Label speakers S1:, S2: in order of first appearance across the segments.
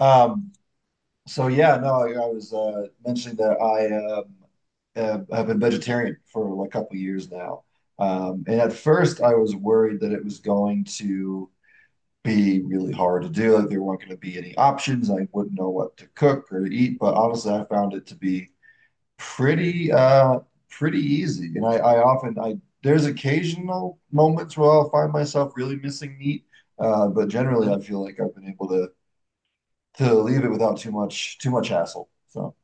S1: Um, so yeah, no, I was mentioning that I have been vegetarian for like a couple of years now. And at first, I was worried that it was going to be really hard to do. Like there weren't going to be any options. I wouldn't know what to cook or to eat. But honestly, I found it to be pretty uh pretty easy. And I often I there's occasional moments where I'll find myself really missing meat. But generally,
S2: Mhm.
S1: I feel like I've been able to leave it without too much hassle. So,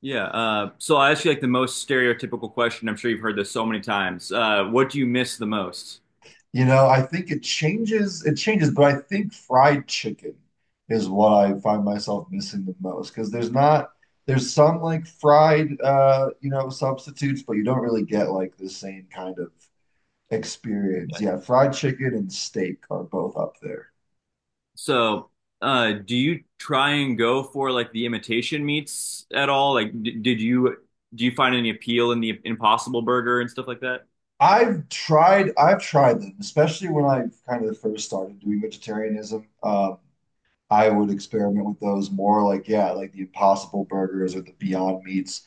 S2: Yeah. So I ask you like the most stereotypical question. I'm sure you've heard this so many times. What do you miss the most?
S1: I think it changes, but I think fried chicken is what I find myself missing the most because there's not there's some like fried substitutes, but you don't really get like the same kind of experience. Yeah, fried chicken and steak are both up there.
S2: So, do you try and go for like the imitation meats at all? Like, d did you do you find any appeal in the Impossible Burger and stuff like that?
S1: I've tried them, especially when I kind of first started doing vegetarianism. I would experiment with those more like, yeah, like the Impossible Burgers or the Beyond Meats.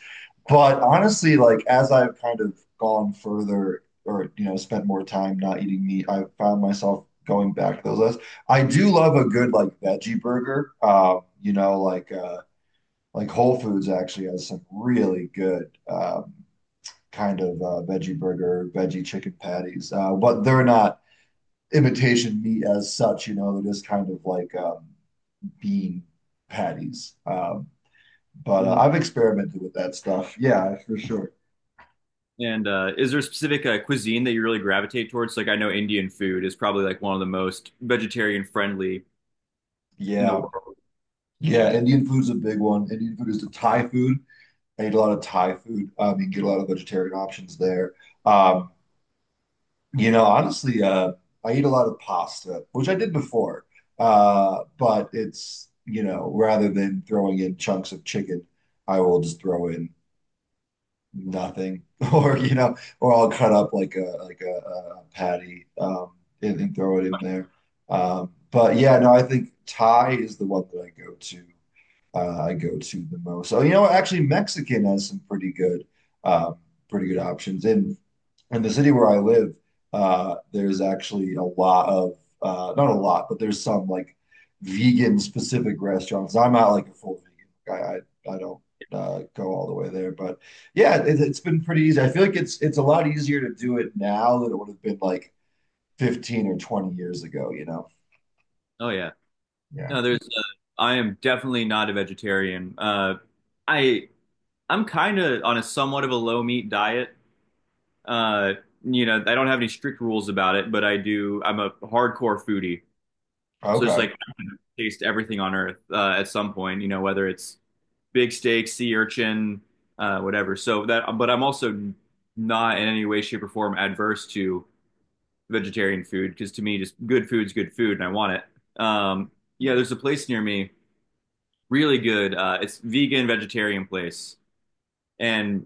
S1: But honestly, like as I've kind of gone further or, you know, spent more time not eating meat, I have found myself going back to those lists. I do love a good like veggie burger. You know, like Whole Foods actually has some really good kind of veggie burger, veggie chicken patties. But they're not imitation meat as such, you know, they're just kind of like bean patties. But
S2: Mhm.
S1: I've experimented with that stuff. Yeah, for sure.
S2: And is there a specific cuisine that you really gravitate towards? Like, I know Indian food is probably like one of the most vegetarian friendly in the
S1: Yeah.
S2: world.
S1: Yeah. Indian food's a big one. Indian food is the Thai food. I eat a lot of Thai food. You can get a lot of vegetarian options there. Um, you know, honestly, uh, I eat a lot of pasta, which I did before. But it's, you know, rather than throwing in chunks of chicken, I will just throw in nothing or you know or I'll cut up like a patty and throw it in there but yeah no I think Thai is the one that I go to the most so you know actually Mexican has some pretty good options and in the city where I live, there's actually a lot of not a lot, but there's some like vegan specific restaurants. I'm not like a full vegan guy. I don't go all the way there, but yeah, it's been pretty easy. I feel like it's a lot easier to do it now than it would have been like 15 or 20 years ago, you know?
S2: Oh yeah.
S1: Yeah.
S2: No, there's. I am definitely not a vegetarian. I I'm kind of on a somewhat of a low meat diet. Uh, you know, I don't have any strict rules about it, but I do. I'm a hardcore foodie, so it's
S1: Okay.
S2: like I taste everything on earth at some point. You know, whether it's big steak, sea urchin, whatever. So that, but I'm also not in any way, shape, or form adverse to vegetarian food because to me, just good food's good food, and I want it. Yeah, there's a place near me, really good. It's vegan vegetarian place, and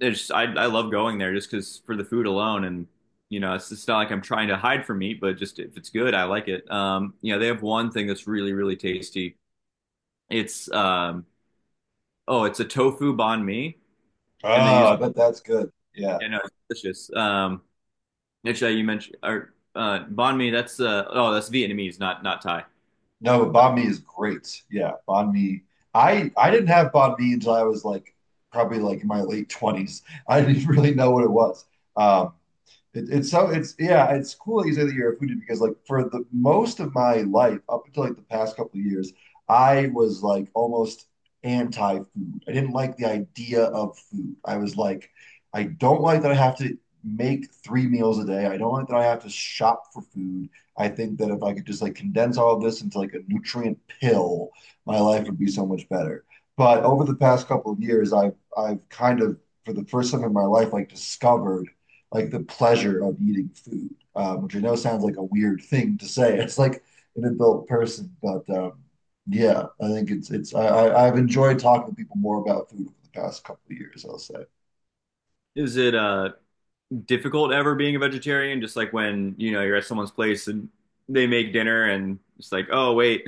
S2: it's I love going there just because for the food alone, and you know it's not like I'm trying to hide from meat, but just if it's good, I like it. You know they have one thing that's really really tasty. It's oh it's a tofu banh mi, and they
S1: Oh,
S2: use
S1: I bet that's good. Yeah.
S2: you know it's delicious. Actually you mentioned or banh mi, that's oh that's Vietnamese, not Thai.
S1: No, but banh mi is great. Yeah, banh mi. I didn't have banh mi until I was like probably like in my late 20s. I didn't really know what it was. Um, it's yeah, it's cool that you say that you're a foodie because like for the most of my life, up until like the past couple of years, I was like almost anti-food. I didn't like the idea of food. I was like, I don't like that I have to make three meals a day. I don't like that I have to shop for food. I think that if I could just like condense all of this into like a nutrient pill, my life would be so much better. But over the past couple of years, I've kind of for the first time in my life like discovered like the pleasure of eating food, which I know sounds like a weird thing to say. It's like an adult person, but yeah, I think it's I've enjoyed talking to people more about food over the past couple of years, I'll say.
S2: Is it difficult ever being a vegetarian? Just like when you know you're at someone's place and they make dinner and it's like oh wait.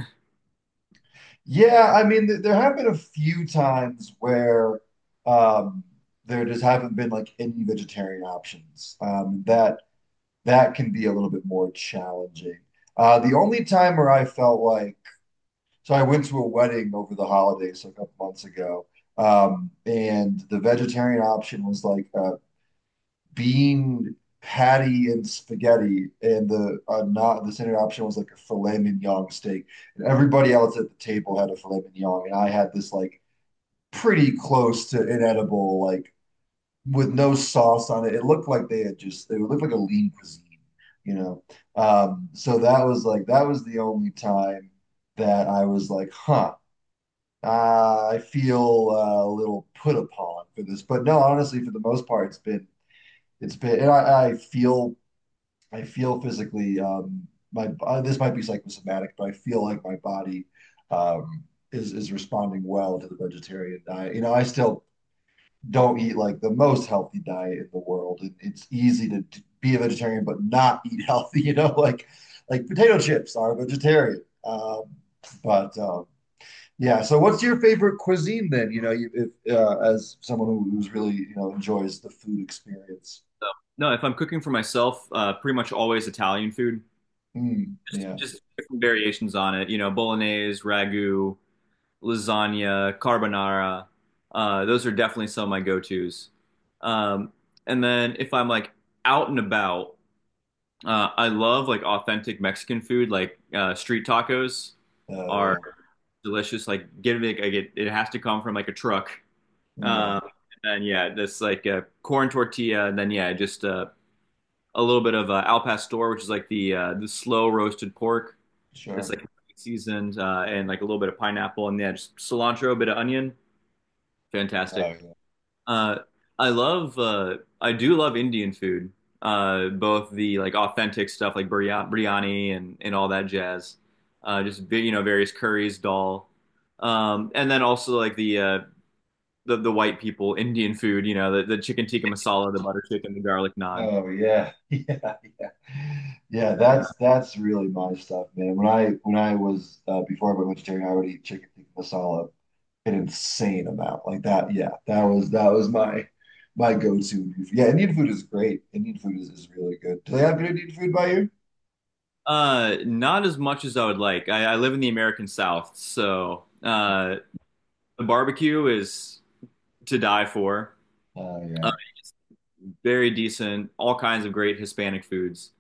S1: Yeah, I mean, th there have been a few times where um, there just haven't been like any vegetarian options. That that can be a little bit more challenging. The only time where I felt like so I went to a wedding over the holidays a couple months ago, and the vegetarian option was like a bean patty and spaghetti, and the not the standard option was like a filet mignon steak. And everybody else at the table had a filet mignon, and I had this like pretty close to inedible, like with no sauce on it. It looked like they had just it looked like a lean cuisine, you know. That was the only time that I was like, huh I feel a little put upon for this, but no, honestly, for the most part, it's been, and I feel physically my this might be psychosomatic, but I feel like my body um, is responding well to the vegetarian diet. You know, I still don't eat like the most healthy diet in the world, and it's easy to be a vegetarian but not eat healthy. You know, like potato chips are vegetarian, but yeah. So, what's your favorite cuisine then? You know, if, as someone who's really, you know, enjoys the food experience.
S2: No, if I'm cooking for myself, pretty much always Italian food.
S1: Mm, yeah.
S2: Just different variations on it. You know, bolognese, ragu, lasagna, carbonara. Those are definitely some of my go-tos. Um, and then if I'm like out and about, I love like authentic Mexican food. Like street tacos
S1: Oh,
S2: are
S1: yeah.
S2: delicious. Like get it, like, it has to come from like a truck.
S1: Yeah.
S2: Um, and then yeah, this like a corn tortilla, and then yeah, just a little bit of al pastor, which is like the slow roasted pork. It's
S1: Sure.
S2: like seasoned and like a little bit of pineapple, and yeah, just cilantro, a bit of onion.
S1: Oh,
S2: Fantastic.
S1: yeah.
S2: Uh, I love I do love Indian food. Both the like authentic stuff like biryani and all that jazz. Just you know various curries, dal, and then also like the white people Indian food. You know the chicken tikka masala, the butter chicken, the garlic naan,
S1: Oh, yeah. Yeah. Yeah.
S2: and
S1: That's really my stuff, man. When I was before I went vegetarian, I would eat chicken tikka masala an insane amount like that. Yeah. That was my my go-to. Indian food. Yeah. Indian food is great. Indian food is really good. Do they have good Indian food by you?
S2: Not as much as I would like. I live in the American South, so the barbecue is to die for.
S1: Oh,
S2: Uh,
S1: yeah.
S2: very decent, all kinds of great Hispanic foods.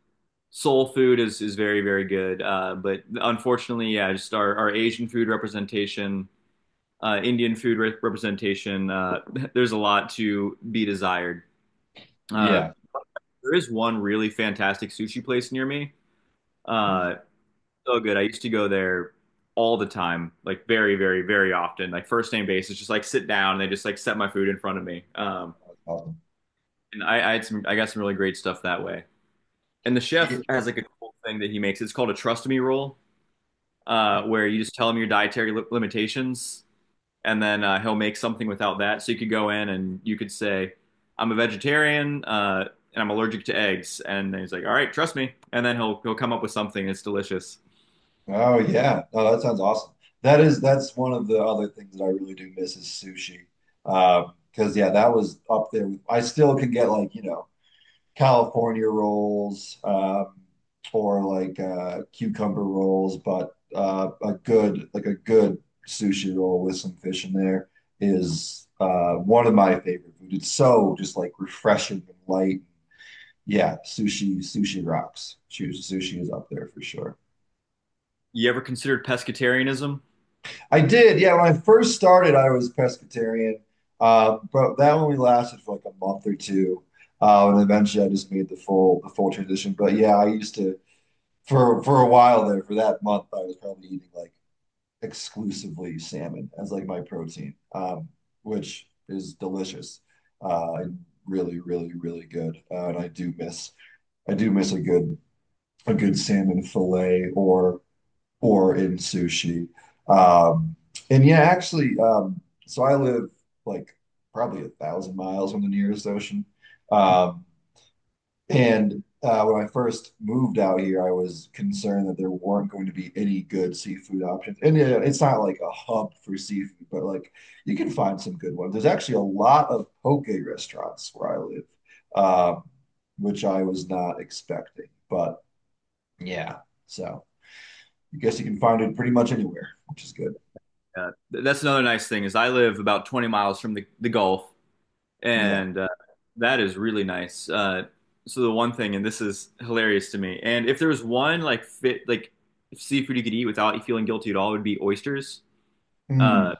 S2: Soul food is very, very good. But unfortunately, yeah, just our Asian food representation, Indian food representation, there's a lot to be desired. Uh,
S1: Yeah.
S2: there is one really fantastic sushi place near me.
S1: Mm-hmm.
S2: Uh, so good. I used to go there all the time, like very, very, very often. Like first name basis, just like sit down and they just like set my food in front of me.
S1: Awesome.
S2: And I had some, I got some really great stuff that way. And the
S1: Yeah.
S2: chef has like a cool thing that he makes. It's called a trust me roll, where you just tell him your dietary limitations, and then he'll make something without that. So you could go in and you could say, "I'm a vegetarian and I'm allergic to eggs," and he's like, "All right, trust me," and then he'll come up with something that's delicious.
S1: Oh yeah. No, that sounds awesome. That is that's one of the other things that I really do miss is sushi. Because yeah, that was up there. I still can get like, you know, California rolls, or like cucumber rolls, but a good like a good sushi roll with some fish in there is one of my favorite food. It's so just like refreshing and light. Yeah, sushi rocks. Sushi is up there for sure.
S2: You ever considered pescatarianism?
S1: I did, yeah. When I first started, I was Presbyterian, but that only lasted for like a month or two, and eventually I just made the full transition. But yeah, I used to for a while there for that month, I was probably eating like exclusively salmon as like my protein, which is delicious and really, really, really good. And I do miss a good salmon fillet or in sushi. Um, and Yeah, actually, so I live like probably a thousand miles from the nearest ocean. Um, and When I first moved out here, I was concerned that there weren't going to be any good seafood options. And yeah, it's not like a hub for seafood, but like you can find some good ones. There's actually a lot of poke restaurants where I live, um, which I was not expecting. But Yeah, so. I guess you can find it pretty much anywhere, which is good.
S2: Uh, that's another nice thing is I live about 20 miles from the Gulf,
S1: Yeah.
S2: and that is really nice. So the one thing, and this is hilarious to me, and if there was one like fit like seafood you could eat without feeling guilty at all, it would be oysters. Uh,
S1: Hmm.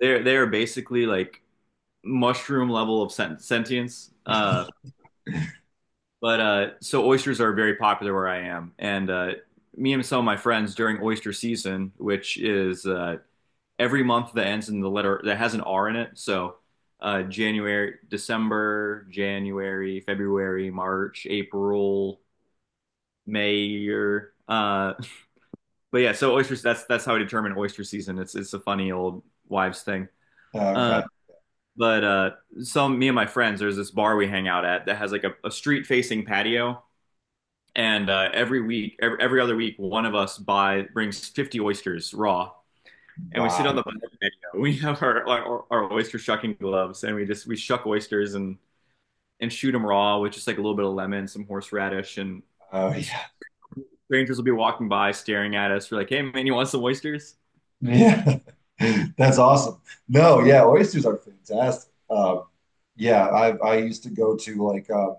S2: they're basically like mushroom level of sentience. But so oysters are very popular where I am, and me and some of my friends during oyster season, which is every month that ends in the letter that has an R in it. So January, December, January, February, March, April, May, or but yeah. So oysters. That's how I determine oyster season. It's a funny old wives thing. Uh,
S1: Okay.
S2: but some Me and my friends, there's this bar we hang out at that has like a street facing patio. And every week, every other week, one of us buy brings 50 oysters raw, and we sit on
S1: Wow.
S2: the patio. We have our, like, our oyster shucking gloves, and we just we shuck oysters and shoot them raw with just like a little bit of lemon, some horseradish, and
S1: Oh yeah.
S2: strangers will be walking by, staring at us. We're like, "Hey, man, you want some oysters?
S1: Yeah. That's awesome. No, yeah, oysters are fantastic. Yeah, I used to go to like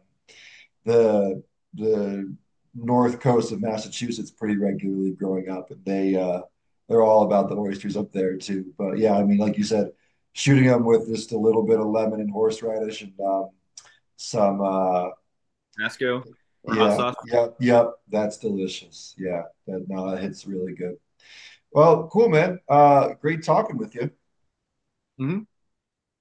S1: the the north coast of Massachusetts pretty regularly growing up, and they they're all about the oysters up there too. But yeah, I mean, like you said, shooting them with just a little bit of lemon and horseradish and some
S2: Tabasco or hot
S1: yeah,
S2: sauce?"
S1: yep. That's delicious. Yeah, that no, that hits really good. Well, cool, man. Great talking with you.
S2: hmm